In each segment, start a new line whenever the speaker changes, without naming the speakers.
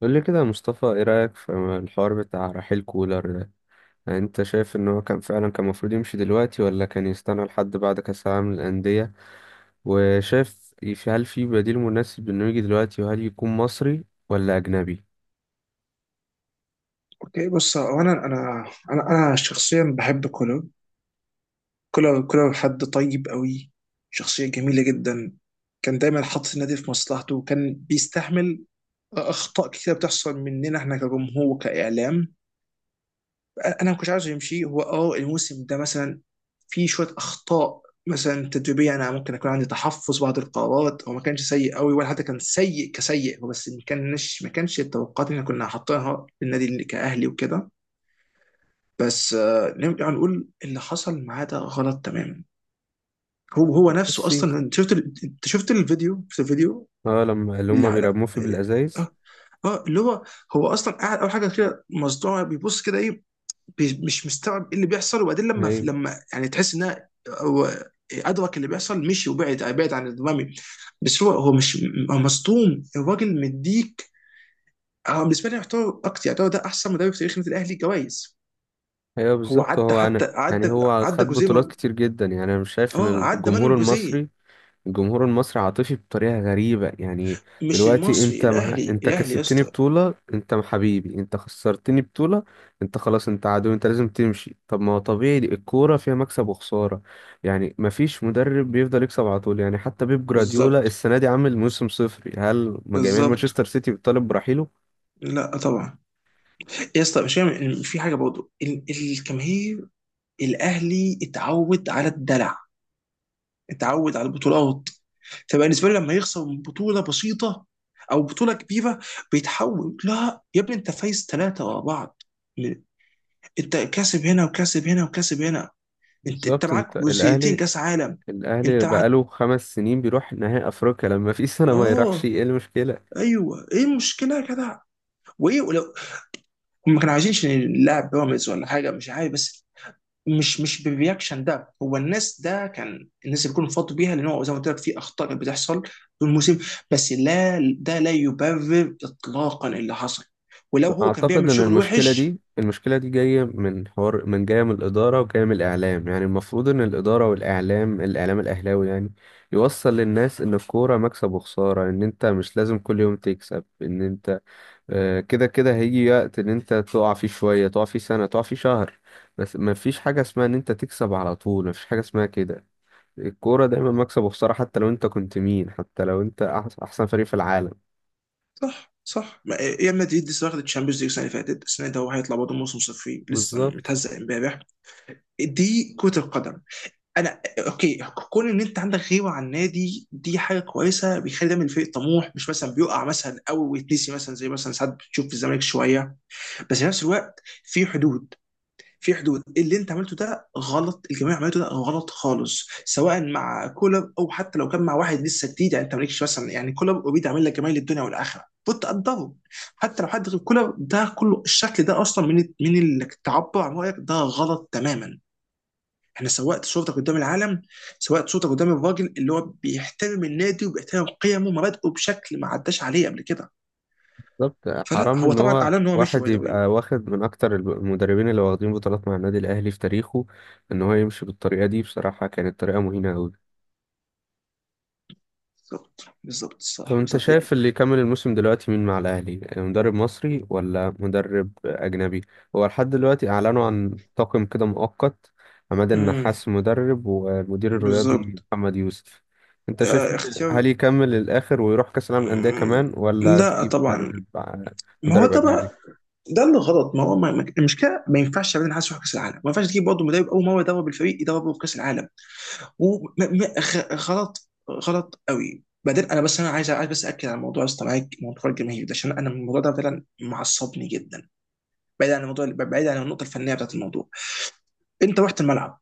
قول لي كده يا مصطفى، ايه رأيك في الحوار بتاع رحيل كولر ده؟ يعني انت شايف ان هو كان فعلا كان المفروض يمشي دلوقتي ولا كان يستنى لحد بعد كأس العالم للأندية؟ وشايف هل في بديل مناسب انه يجي دلوقتي، وهل يكون مصري ولا أجنبي؟
اوكي، بص. هو انا شخصيا بحب كولر حد طيب قوي، شخصيه جميله جدا. كان دايما حاطط النادي في مصلحته، وكان بيستحمل اخطاء كتير بتحصل مننا، احنا كجمهور كاعلام. انا ما كنتش عاوز يمشي هو الموسم ده مثلا. في شويه اخطاء مثلا تدريبيه، انا ممكن اكون عندي تحفظ بعض القرارات، هو ما كانش سيء قوي، ولا حتى كان سيء كسيء، هو بس ما كانش التوقعات اللي احنا كنا حاطينها للنادي، اللي كاهلي وكده. بس نرجع نقول اللي حصل معاه ده غلط تماما. هو نفسه
بصي،
اصلا، انت شفت انت شفت الفيديو
اه، لما اللي هما
لا لا.
بيرموه في بالأزايز.
اه. اللي هو، هو اصلا قاعد، اول حاجه كده مصدوع، بيبص كده ايه؟ مش مستوعب ايه اللي بيحصل، وبعدين لما
ايوه،
لما يعني تحس انها هو ادرك اللي بيحصل، مشي، وبعد عن الامامي. بس هو مش، هو مصدوم الراجل مديك. بالنسبه لي، يعتبر اكتر يعتبر ده احسن مدرب في تاريخ النادي الاهلي جوائز.
ايوه،
هو
بالظبط.
عدى،
هو
حتى
انا يعني
عدى
هو
عدى
خد بطولات
جوزيه.
كتير جدا، يعني انا مش شايف ان
اه عدى مانويل جوزيه.
الجمهور المصري عاطفي بطريقة غريبة. يعني
مش
دلوقتي
المصري،
انت
الاهلي،
انت
يا
كسبتني
اسطى!
بطولة انت حبيبي، انت خسرتني بطولة انت خلاص انت عدو انت لازم تمشي. طب ما هو طبيعي الكورة فيها مكسب وخسارة، يعني مفيش مدرب بيفضل يكسب على طول. يعني حتى بيب جراديولا
بالظبط،
السنة دي عامل موسم صفري، هل جماهير
بالظبط.
مانشستر سيتي بتطالب برحيله؟
لا طبعا. يا اسطى، مش فاهم في حاجه برضه. الجماهير الاهلي اتعود على الدلع، اتعود على البطولات. فبالنسبه له لما يخسر من بطوله بسيطه او بطوله كبيره، بيتحول: لا يا ابني، انت فايز 3 ورا بعض، انت كاسب هنا وكاسب هنا وكاسب هنا. انت
بالظبط.
معاك
انت الاهلي
جزئيتين كاس عالم.
الاهلي
انت هت...
بقاله 5 سنين بيروح نهائي افريقيا، لما في سنة ما يروحش
اه
ايه المشكلة؟
ايوه، ايه المشكله يا جدع؟ وايه ولو، ما كانوا عايزينش نلعب بيراميدز ولا حاجه، مش عارف بس. مش بالرياكشن ده. هو الناس ده، كان الناس اللي بيكونوا فاضوا بيها، لان هو زي ما قلت لك في اخطاء كانت بتحصل طول الموسم، بس لا، ده لا يبرر اطلاقا اللي حصل، ولو هو كان
اعتقد
بيعمل
ان
شغل
المشكله
وحش.
دي المشكله دي جايه من الاداره وجايه من الاعلام، يعني المفروض ان الاداره والاعلام، الاهلاوي يعني يوصل للناس ان الكوره مكسب وخساره، ان انت مش لازم كل يوم تكسب، ان انت كده كده هيجي وقت ان انت تقع فيه شويه، تقع فيه سنه، تقع فيه شهر. بس ما فيش حاجه اسمها ان انت تكسب على طول، ما فيش حاجه اسمها كده. الكوره دايما مكسب وخساره، حتى لو انت كنت مين، حتى لو انت احسن فريق في العالم.
صح، صح. ريال مدريد لسه واخد الشامبيونز ليج السنه اللي فاتت، السنه ده هو هيطلع برضه موسم صفري، لسه
بالظبط،
متهزق امبارح. دي كره القدم. انا اوكي. كون ان انت عندك غيبه عن النادي دي حاجه كويسه، بيخلي دايما الفريق طموح، مش مثلا بيقع مثلا او ويتنسي مثلا، زي مثلا ساعات بتشوف في الزمالك شويه. بس في نفس الوقت في حدود، في حدود. اللي انت عملته ده غلط، الجميع عملته ده غلط خالص، سواء مع كولر او حتى لو كان مع واحد لسه جديد. يعني انت مالكش مثلا، يعني كولر اوريدي عامل لك جمايل الدنيا والاخره، كنت تقدره. حتى لو حد غير كولر، ده كله الشكل ده اصلا من انك تعبر عن رايك ده غلط تماما. انا سوقت صورتك قدام العالم، سوقت صورتك قدام الراجل اللي هو بيحترم النادي وبيحترم قيمه ومبادئه بشكل ما عداش عليه قبل كده.
بالظبط.
فلا،
حرام
هو
ان
طبعا
هو
اعلن ان هو مشي
واحد
باي ذا واي.
يبقى واخد من اكتر المدربين اللي واخدين بطولات مع النادي الاهلي في تاريخه، ان هو يمشي بالطريقه دي. بصراحه كانت طريقه مهينه قوي.
بالظبط، بالظبط،
طب
الصح،
انت
بالظبط.
شايف اللي يكمل الموسم دلوقتي مين مع الاهلي، مدرب مصري ولا مدرب اجنبي؟ هو لحد دلوقتي اعلنوا عن طاقم كده مؤقت: عماد
امم.
النحاس مدرب، والمدير الرياضي
بالظبط.
محمد يوسف. انت شايف
آه،
هل
اختيار.
يكمل للاخر ويروح كاس العالم للانديه
مم.
كمان، ولا
لا
تجيب
طبعا.
مدرب؟
ما هو
مدرب
ده
اجنبي.
بقى، ده اللي غلط. ما هو المشكله، ما ينفعش ابدا حد يروح كاس العالم، ما ينفعش تجيب برضه مدرب اول مره يدرب الفريق، يدربه في كاس العالم. وغلط، غلط قوي. بعدين انا بس، انا عايز، بس اكد على موضوع استمعك، موضوع الجماهير ده، عشان انا الموضوع ده فعلا معصبني جدا، بعيد عن الموضوع، بعيد عن النقطه الفنيه بتاعت الموضوع. انت رحت الملعب،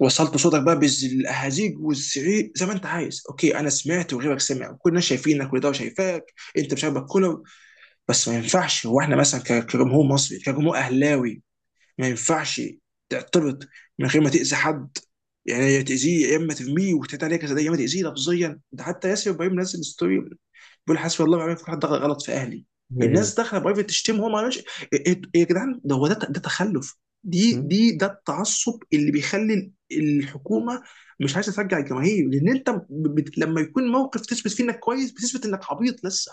وصلت صوتك بقى بالاهازيج والزعيق زي ما انت عايز، اوكي، انا سمعت وغيرك سمع وكلنا شايفينك، كل ده شايفاك. انت مش عاجبك كولر، بس ما ينفعش. هو احنا مثلا كجمهور مصري، كجمهور اهلاوي، ما ينفعش تعترض من غير ما تأذي حد. يعني يا تأذيه يا اما ترميه وتتعدى عليه كذا، يا اما تأذيه لفظيا. ده حتى ياسر ابراهيم نزل ستوري بيقول حسبي الله ونعم الوكيل، حد دخل غلط في اهلي.
ايوه
الناس داخله برايفت تشتم. هو ما عملش إيه- إيه يا جدعان! ده هو ده تخلف. دي دي ده التعصب اللي بيخلي الحكومه مش عايزه ترجع الجماهير، لان انت لما يكون موقف تثبت فيه انك كويس، بتثبت انك عبيط لسه.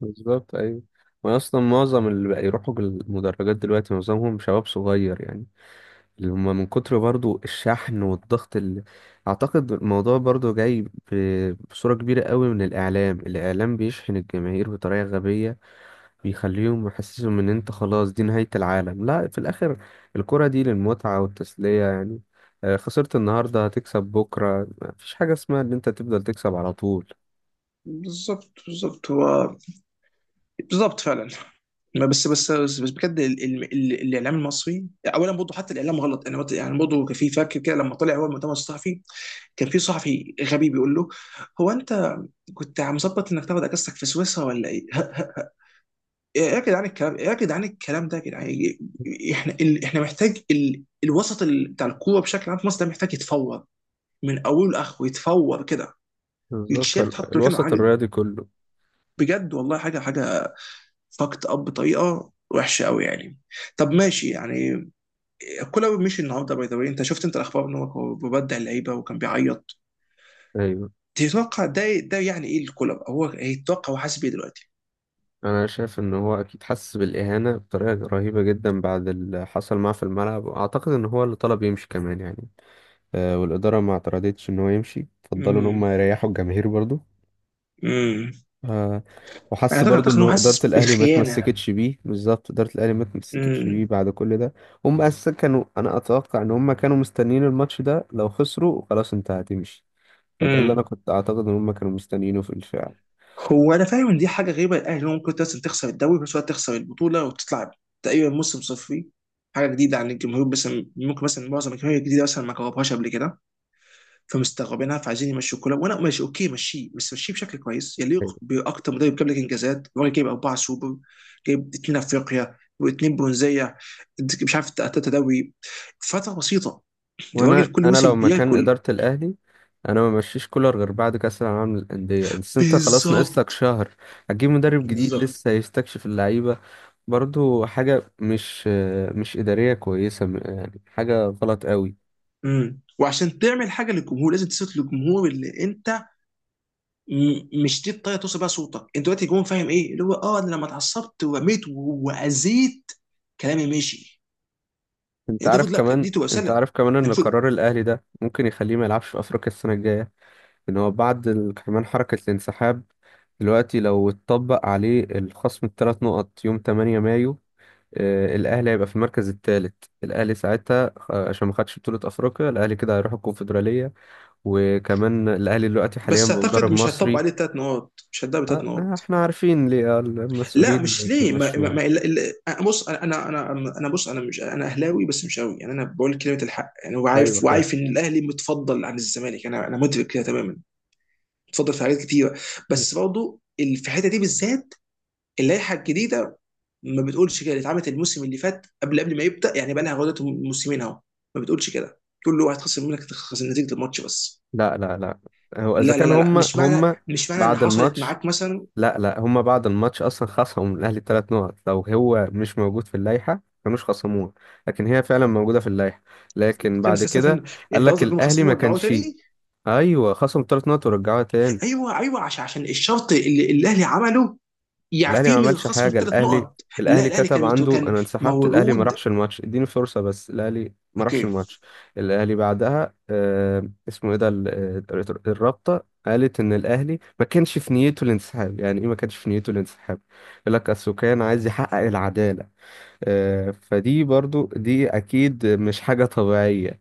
بالظبط. ايوه، واصلا معظم اللي بقى يروحوا المدرجات دلوقتي معظمهم شباب صغير، يعني اللي هم من كتر برضو الشحن والضغط اللي... اعتقد الموضوع برضو جاي بصورة كبيرة قوي من الاعلام. الاعلام بيشحن الجماهير بطريقة غبية، بيخليهم يحسسهم ان انت خلاص دي نهاية العالم. لا، في الاخر الكرة دي للمتعة والتسلية، يعني خسرت النهاردة هتكسب بكرة. مفيش حاجة اسمها ان انت تفضل تكسب على طول.
بالظبط، بالظبط، هو. بالظبط فعلا. ما بس بجد، الاعلام المصري، اولا برضه، حتى الاعلام غلط. انا يعني برضه، كان في، فاكر كده لما طلع هو المؤتمر الصحفي كان في صحفي غبي بيقول له: هو انت كنت مظبط انك تاخد اجازتك في سويسرا، ولا ايه؟ ايه يا جدعان الكلام، ايه يا جدعان الكلام ده يا جدعان! احنا محتاج الوسط بتاع الكوره بشكل عام في مصر، ده محتاج يتفور من اوله لاخره، يتفور كده،
بالظبط
يتشال ويتحط مكانه
الوسط
حاجه.
الرياضي كله.
بجد، والله، حاجه، حاجه. فاكت اب بطريقه وحشه قوي يعني. طب ماشي يعني، كولر مشي النهارده باي ذا واي. انت شفت، انت الاخبار ان هو ببدع اللعيبه وكان بيعيط؟
ايوه،
تتوقع ده، يعني ايه الكولر؟ هو يتوقع، هو حاسس بيه دلوقتي؟
انا شايف ان هو اكيد حس بالاهانه بطريقه رهيبه جدا بعد اللي حصل معاه في الملعب، واعتقد ان هو اللي طلب يمشي كمان يعني. آه، والاداره ما اعترضتش ان هو يمشي، فضلوا ان
امم.
هم يريحوا الجماهير برضو.
امم.
آه،
انا
وحس برضو
اعتقد
ان
ان هو
هو اداره
حاسس
الاهلي ما
بالخيانه.
تمسكتش بيه. بالظبط، اداره الاهلي ما تمسكتش بيه
امم.
بعد كل ده. هم اساسا كانوا، انا اتوقع ان هم كانوا مستنيين الماتش ده، لو خسروا خلاص انت هتمشي. فده اللي انا
امم.
كنت اعتقد ان هم كانوا مستنيينه في الفعل.
هو انا فاهم ان دي حاجه غريبه الاهلي، هو ممكن اصلا تخسر الدوري وفي نفس الوقت تخسر البطوله، وتطلع تقريبا موسم صفري، حاجه جديده عن الجمهور. بس ممكن مثلا معظم الجماهير الجديده مثلا ما جربهاش قبل كده، فمستغربينها، فعايزين يمشوا كولر. وانا ماشي، اوكي، مشيه، بس مشيه بشكل كويس يليق باكتر مدرب جاب لك انجازات. الراجل جايب 4 سوبر، جايب 2 افريقيا و2 برونزيه، مش عارف، 3 دوري فتره بسيطه. الراجل
وانا
كل
انا لو
موسم
مكان
بياكل.
اداره الاهلي انا ما مشيش كولر غير بعد كاس العالم للانديه، بس انت خلاص ناقص لك
بالظبط،
شهر. هتجيب مدرب جديد
بالظبط.
لسه هيستكشف اللعيبه، برضو حاجه مش اداريه كويسه، يعني حاجه غلط قوي.
امم. وعشان تعمل حاجه للجمهور لازم تثبت للجمهور اللي انت. مش دي الطريقه توصل بيها صوتك. انت دلوقتي الجمهور فاهم ايه اللي هو انا لما اتعصبت ورميت واذيت، كلامي ماشي.
انت
انت
عارف
المفروض، لا، كانت دي
كمان،
تبقى
انت
رساله.
عارف كمان ان قرار الاهلي ده ممكن يخليه ما يلعبش في افريقيا السنه الجايه، ان هو بعد كمان حركه الانسحاب، دلوقتي لو اتطبق عليه الخصم ال3 نقط يوم 8 مايو، آه، الاهلي هيبقى في المركز الثالث. الاهلي ساعتها، آه، عشان ما خدش بطوله افريقيا، الاهلي كده هيروح الكونفدراليه. وكمان الاهلي دلوقتي حاليا
بس اعتقد
بمدرب
مش هتطبق
مصري.
عليه 3 نقاط، مش هتدب ثلاث
آه، آه،
نقاط
احنا عارفين ليه، آه،
لا،
المسؤولين
مش ليه. ما ما
بيمشوها.
ما بص، انا انا، بص، انا، مش انا اهلاوي بس مش قوي يعني، انا بقول كلمه الحق يعني،
ايوه
وعارف،
فاهم.
ان الاهلي متفضل عن الزمالك. انا مدرك كده تماما. متفضل في حاجات كتيره، بس برضه في الحته دي بالذات، اللائحه الجديده ما بتقولش كده، اللي اتعملت الموسم اللي فات قبل ما يبدا يعني، بقى لها غلطه موسمين اهو. ما بتقولش كده، تقول له هتخسر منك، تخسر نتيجه الماتش بس.
لا لا لا، هو اذا
لا، لا،
كان
لا، لا،
هم هم
مش معنى ان
بعد
حصلت
الماتش...
معاك مثلا.
لا لا، هم بعد الماتش اصلا خصموا الاهلي 3 نقط. لو هو مش موجود في اللائحه كانوش خصموه، لكن هي فعلا موجوده في اللائحه. لكن
استنى،
بعد
استنى،
كده
استنى.
قال
انت
لك
قصدك انهم
الاهلي
خصموه
ما
ورجعوه
كانش...
تاني؟
ايوه، خصم 3 نقط ورجعوها تاني.
ايوه، ايوه، عشان الشرط اللي الاهلي عمله
الاهلي ما
يعفيه من
عملش
الخصم
حاجه.
الثلاث
الاهلي،
نقط لا،
الاهلي
الاهلي
كتب
كان
عنده
كان
انا انسحبت، الاهلي ما
موعود.
راحش الماتش، اديني فرصه، بس الاهلي ما راحش
اوكي.
الماتش. الاهلي بعدها آه، اسمه ايه ده الرابطه قالت ان الاهلي ما كانش في نيته الانسحاب. يعني ايه ما كانش في نيته الانسحاب؟ يقول لك اصل كان عايز يحقق العداله. آه، فدي برضو دي اكيد مش حاجة طبيعية.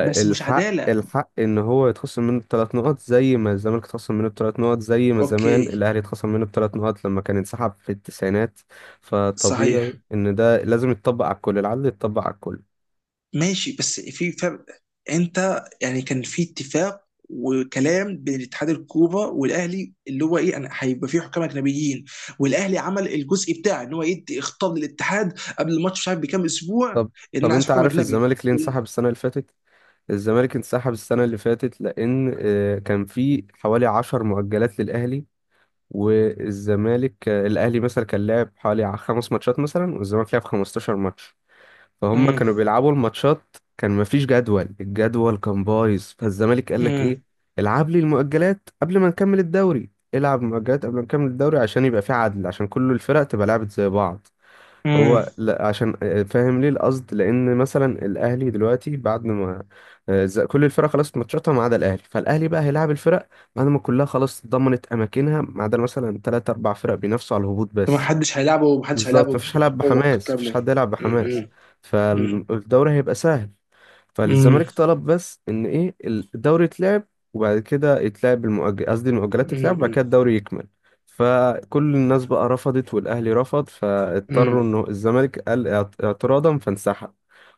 بس مش عداله.
الحق ان هو يتخصم منه ال3 نقط زي ما الزمالك اتخصم منه ال3 نقط، زي ما زمان
اوكي.
الاهلي اتخصم منه ال3 نقط لما كان انسحب في التسعينات. فطبيعي
صحيح.
ان ده لازم يتطبق على الكل، العدل يتطبق على الكل.
ماشي، بس في فرق. انت يعني كان في اتفاق وكلام بين اتحاد الكوره والاهلي، اللي هو ايه، انا هيبقى في حكام اجنبيين، والاهلي عمل الجزء بتاعه، ان هو يدي اختار للاتحاد قبل الماتش، مش عارف بكام اسبوع،
طب
ان انا
طب
عايز
انت
حكام
عارف
اجنبي.
الزمالك ليه
وال-
انسحب السنة اللي فاتت؟ الزمالك انسحب السنة اللي فاتت لأن، آه، كان في حوالي 10 مؤجلات للأهلي. والزمالك، آه، الاهلي مثلا كان لعب حوالي 5 ماتشات مثلا، والزمالك لعب 15 ماتش. فهم
مم.
كانوا بيلعبوا الماتشات، كان مفيش جدول، الجدول كان بايظ. فالزمالك قال لك
امم.
ايه: العب لي المؤجلات قبل ما نكمل الدوري، العب مؤجلات قبل ما نكمل الدوري عشان يبقى في عدل، عشان كل الفرق تبقى لعبت زي بعض.
امم.
هو لا، عشان، آه، فاهم ليه القصد، لان مثلا الاهلي دلوقتي بعد ما، آه، كل الفرق خلاص ماتشاتها ما عدا الاهلي. فالاهلي بقى هيلاعب الفرق بعد ما كلها خلاص ضمنت اماكنها ما عدا مثلا 3 4 فرق بينافسوا على الهبوط
فما
بس.
حدش هيلعبه، ما حدش
بالظبط،
هيلعبه
مفيش هيلعب
بقوه
بحماس، مفيش
كامله.
حد يلعب بحماس.
امم. امم.
فالدوري هيبقى سهل.
امم.
فالزمالك طلب بس ان ايه الدوري يتلعب، وبعد كده يتلعب المؤجل، قصدي المؤجلات تتلعب، وبعد كده
امم.
الدوري يكمل. فكل الناس بقى رفضت، والاهلي رفض،
امم.
فاضطروا انه الزمالك قال اعتراضا فانسحب،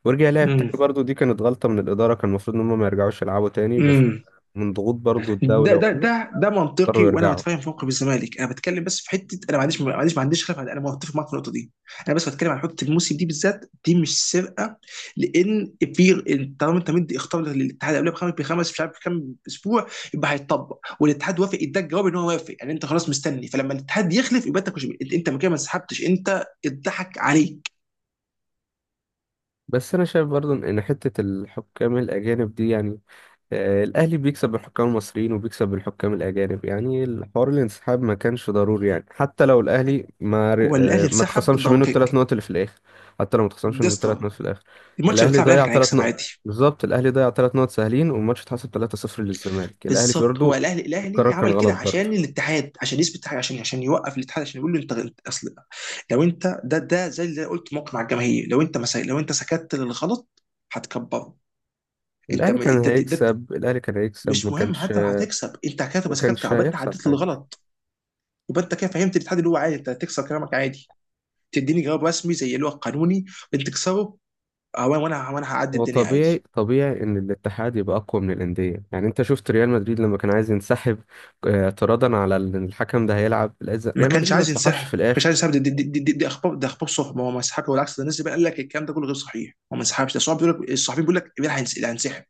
ورجع لعب
امم.
تاني. برضه دي كانت غلطة من الإدارة، كان المفروض إن هم ما يرجعوش يلعبوا تاني، بس
امم.
من ضغوط برضه الدولة وكده
ده منطقي،
اضطروا
وانا
يرجعوا.
متفاهم في موقف الزمالك، انا بتكلم بس في حته. انا ما عنديش، خلاف، انا متفق معاك في النقطه دي. انا بس بتكلم عن حته الموسم دي بالذات، دي مش سرقه، لان في، طالما انت مدي اختار للاتحاد قبلها بخمس، مش عارف كام اسبوع، يبقى هيتطبق، والاتحاد وافق، اداك جواب ان هو وافق. يعني انت خلاص مستني، فلما الاتحاد يخلف يبقى انت، مش انت أنت من كده ما انسحبتش، انت اتضحك عليك.
بس أنا شايف برضه إن حتة الحكام الأجانب دي يعني، آه، الأهلي بيكسب الحكام المصريين وبيكسب الحكام الأجانب، يعني الحوار الانسحاب ما كانش ضروري. يعني حتى لو الأهلي ما ر-
هو الاهلي
آه، ما
انسحب
اتخصمش منه الثلاث
ضوكك؟
نقط اللي في الآخر، حتى لو ما اتخصمش
ده
منه الثلاث
اسطى!
نقط في الآخر،
الماتش اللي
الأهلي
بيتلعب الاهلي
ضيع
كان
ثلاث
هيكسب
نقط
عادي.
بالظبط، الأهلي ضيع ثلاث نقط سهلين، والماتش اتحسب 3-0 للزمالك. الأهلي
بالظبط، هو
برضه،
الاهلي
القرار كان
عمل كده
غلط
عشان
برضه.
الاتحاد، عشان يثبت حاجه، عشان يوقف الاتحاد، عشان يقول له انت، اصل لو انت، ده زي اللي قلت موقف مع الجماهير. لو انت، لو انت سكت للغلط هتكبره. انت
الأهلي كان
انت،
هيكسب الأهلي كان هيكسب
مش
ما
مهم
كانش
حتى لو هتكسب، انت كده
ما
تبقى سكت،
كانش
يبقى انت
هيحصل
عديت
حاجة.
للغلط، يبقى انت كده فهمت الاتحاد اللي هو عادي انت هتكسر كلامك عادي، تديني جواب رسمي زي اللي هو القانوني انت تكسره. وانا وانا وأنا هعدي
هو
الدنيا
طبيعي
عادي.
طبيعي ان الاتحاد يبقى اقوى من الانديه. يعني انت شفت ريال مدريد لما كان عايز ينسحب، آه، اعتراضا على ان الحكم ده هيلعب
ما
ريال
كانش
مدريد ما
عايز
انسحبش
ينسحب،
في الاخر.
دي اخبار، ده اخبار صحبه، هو ما انسحبش، والعكس. ده الناس اللي بقى قال لك الكلام ده كله غير صحيح، هو ما انسحبش. ده الصحابي بيقول لك، الصحفيين بيقول لك امبارح هينسحب.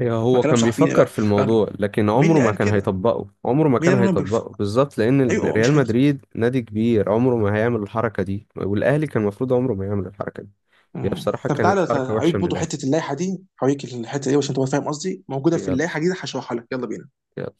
ما
هو
كلام
كان
صحفيين
بيفكر
بقى.
في
بقى-
الموضوع، لكن
مين
عمره
اللي
ما
قال
كان
كده؟
هيطبقه، عمره ما
مين
كان
اللي قال انه
هيطبقه
بيفكر؟
بالظبط، لان
ايوه هو
ريال
مش هينسحب.
مدريد نادي كبير عمره ما هيعمل الحركه دي. والاهلي كان المفروض عمره ما يعمل الحركه دي. هي
مم.
بصراحه
طب
كانت
تعالى، تعالى،
حركه
هوريك
وحشه من
برضه
الاخر.
حته اللائحه دي، هوريك الحته دي عشان تبقى فاهم قصدي موجوده في
يلا،
اللائحه دي، هشرحها لك، يلا بينا.
يلا.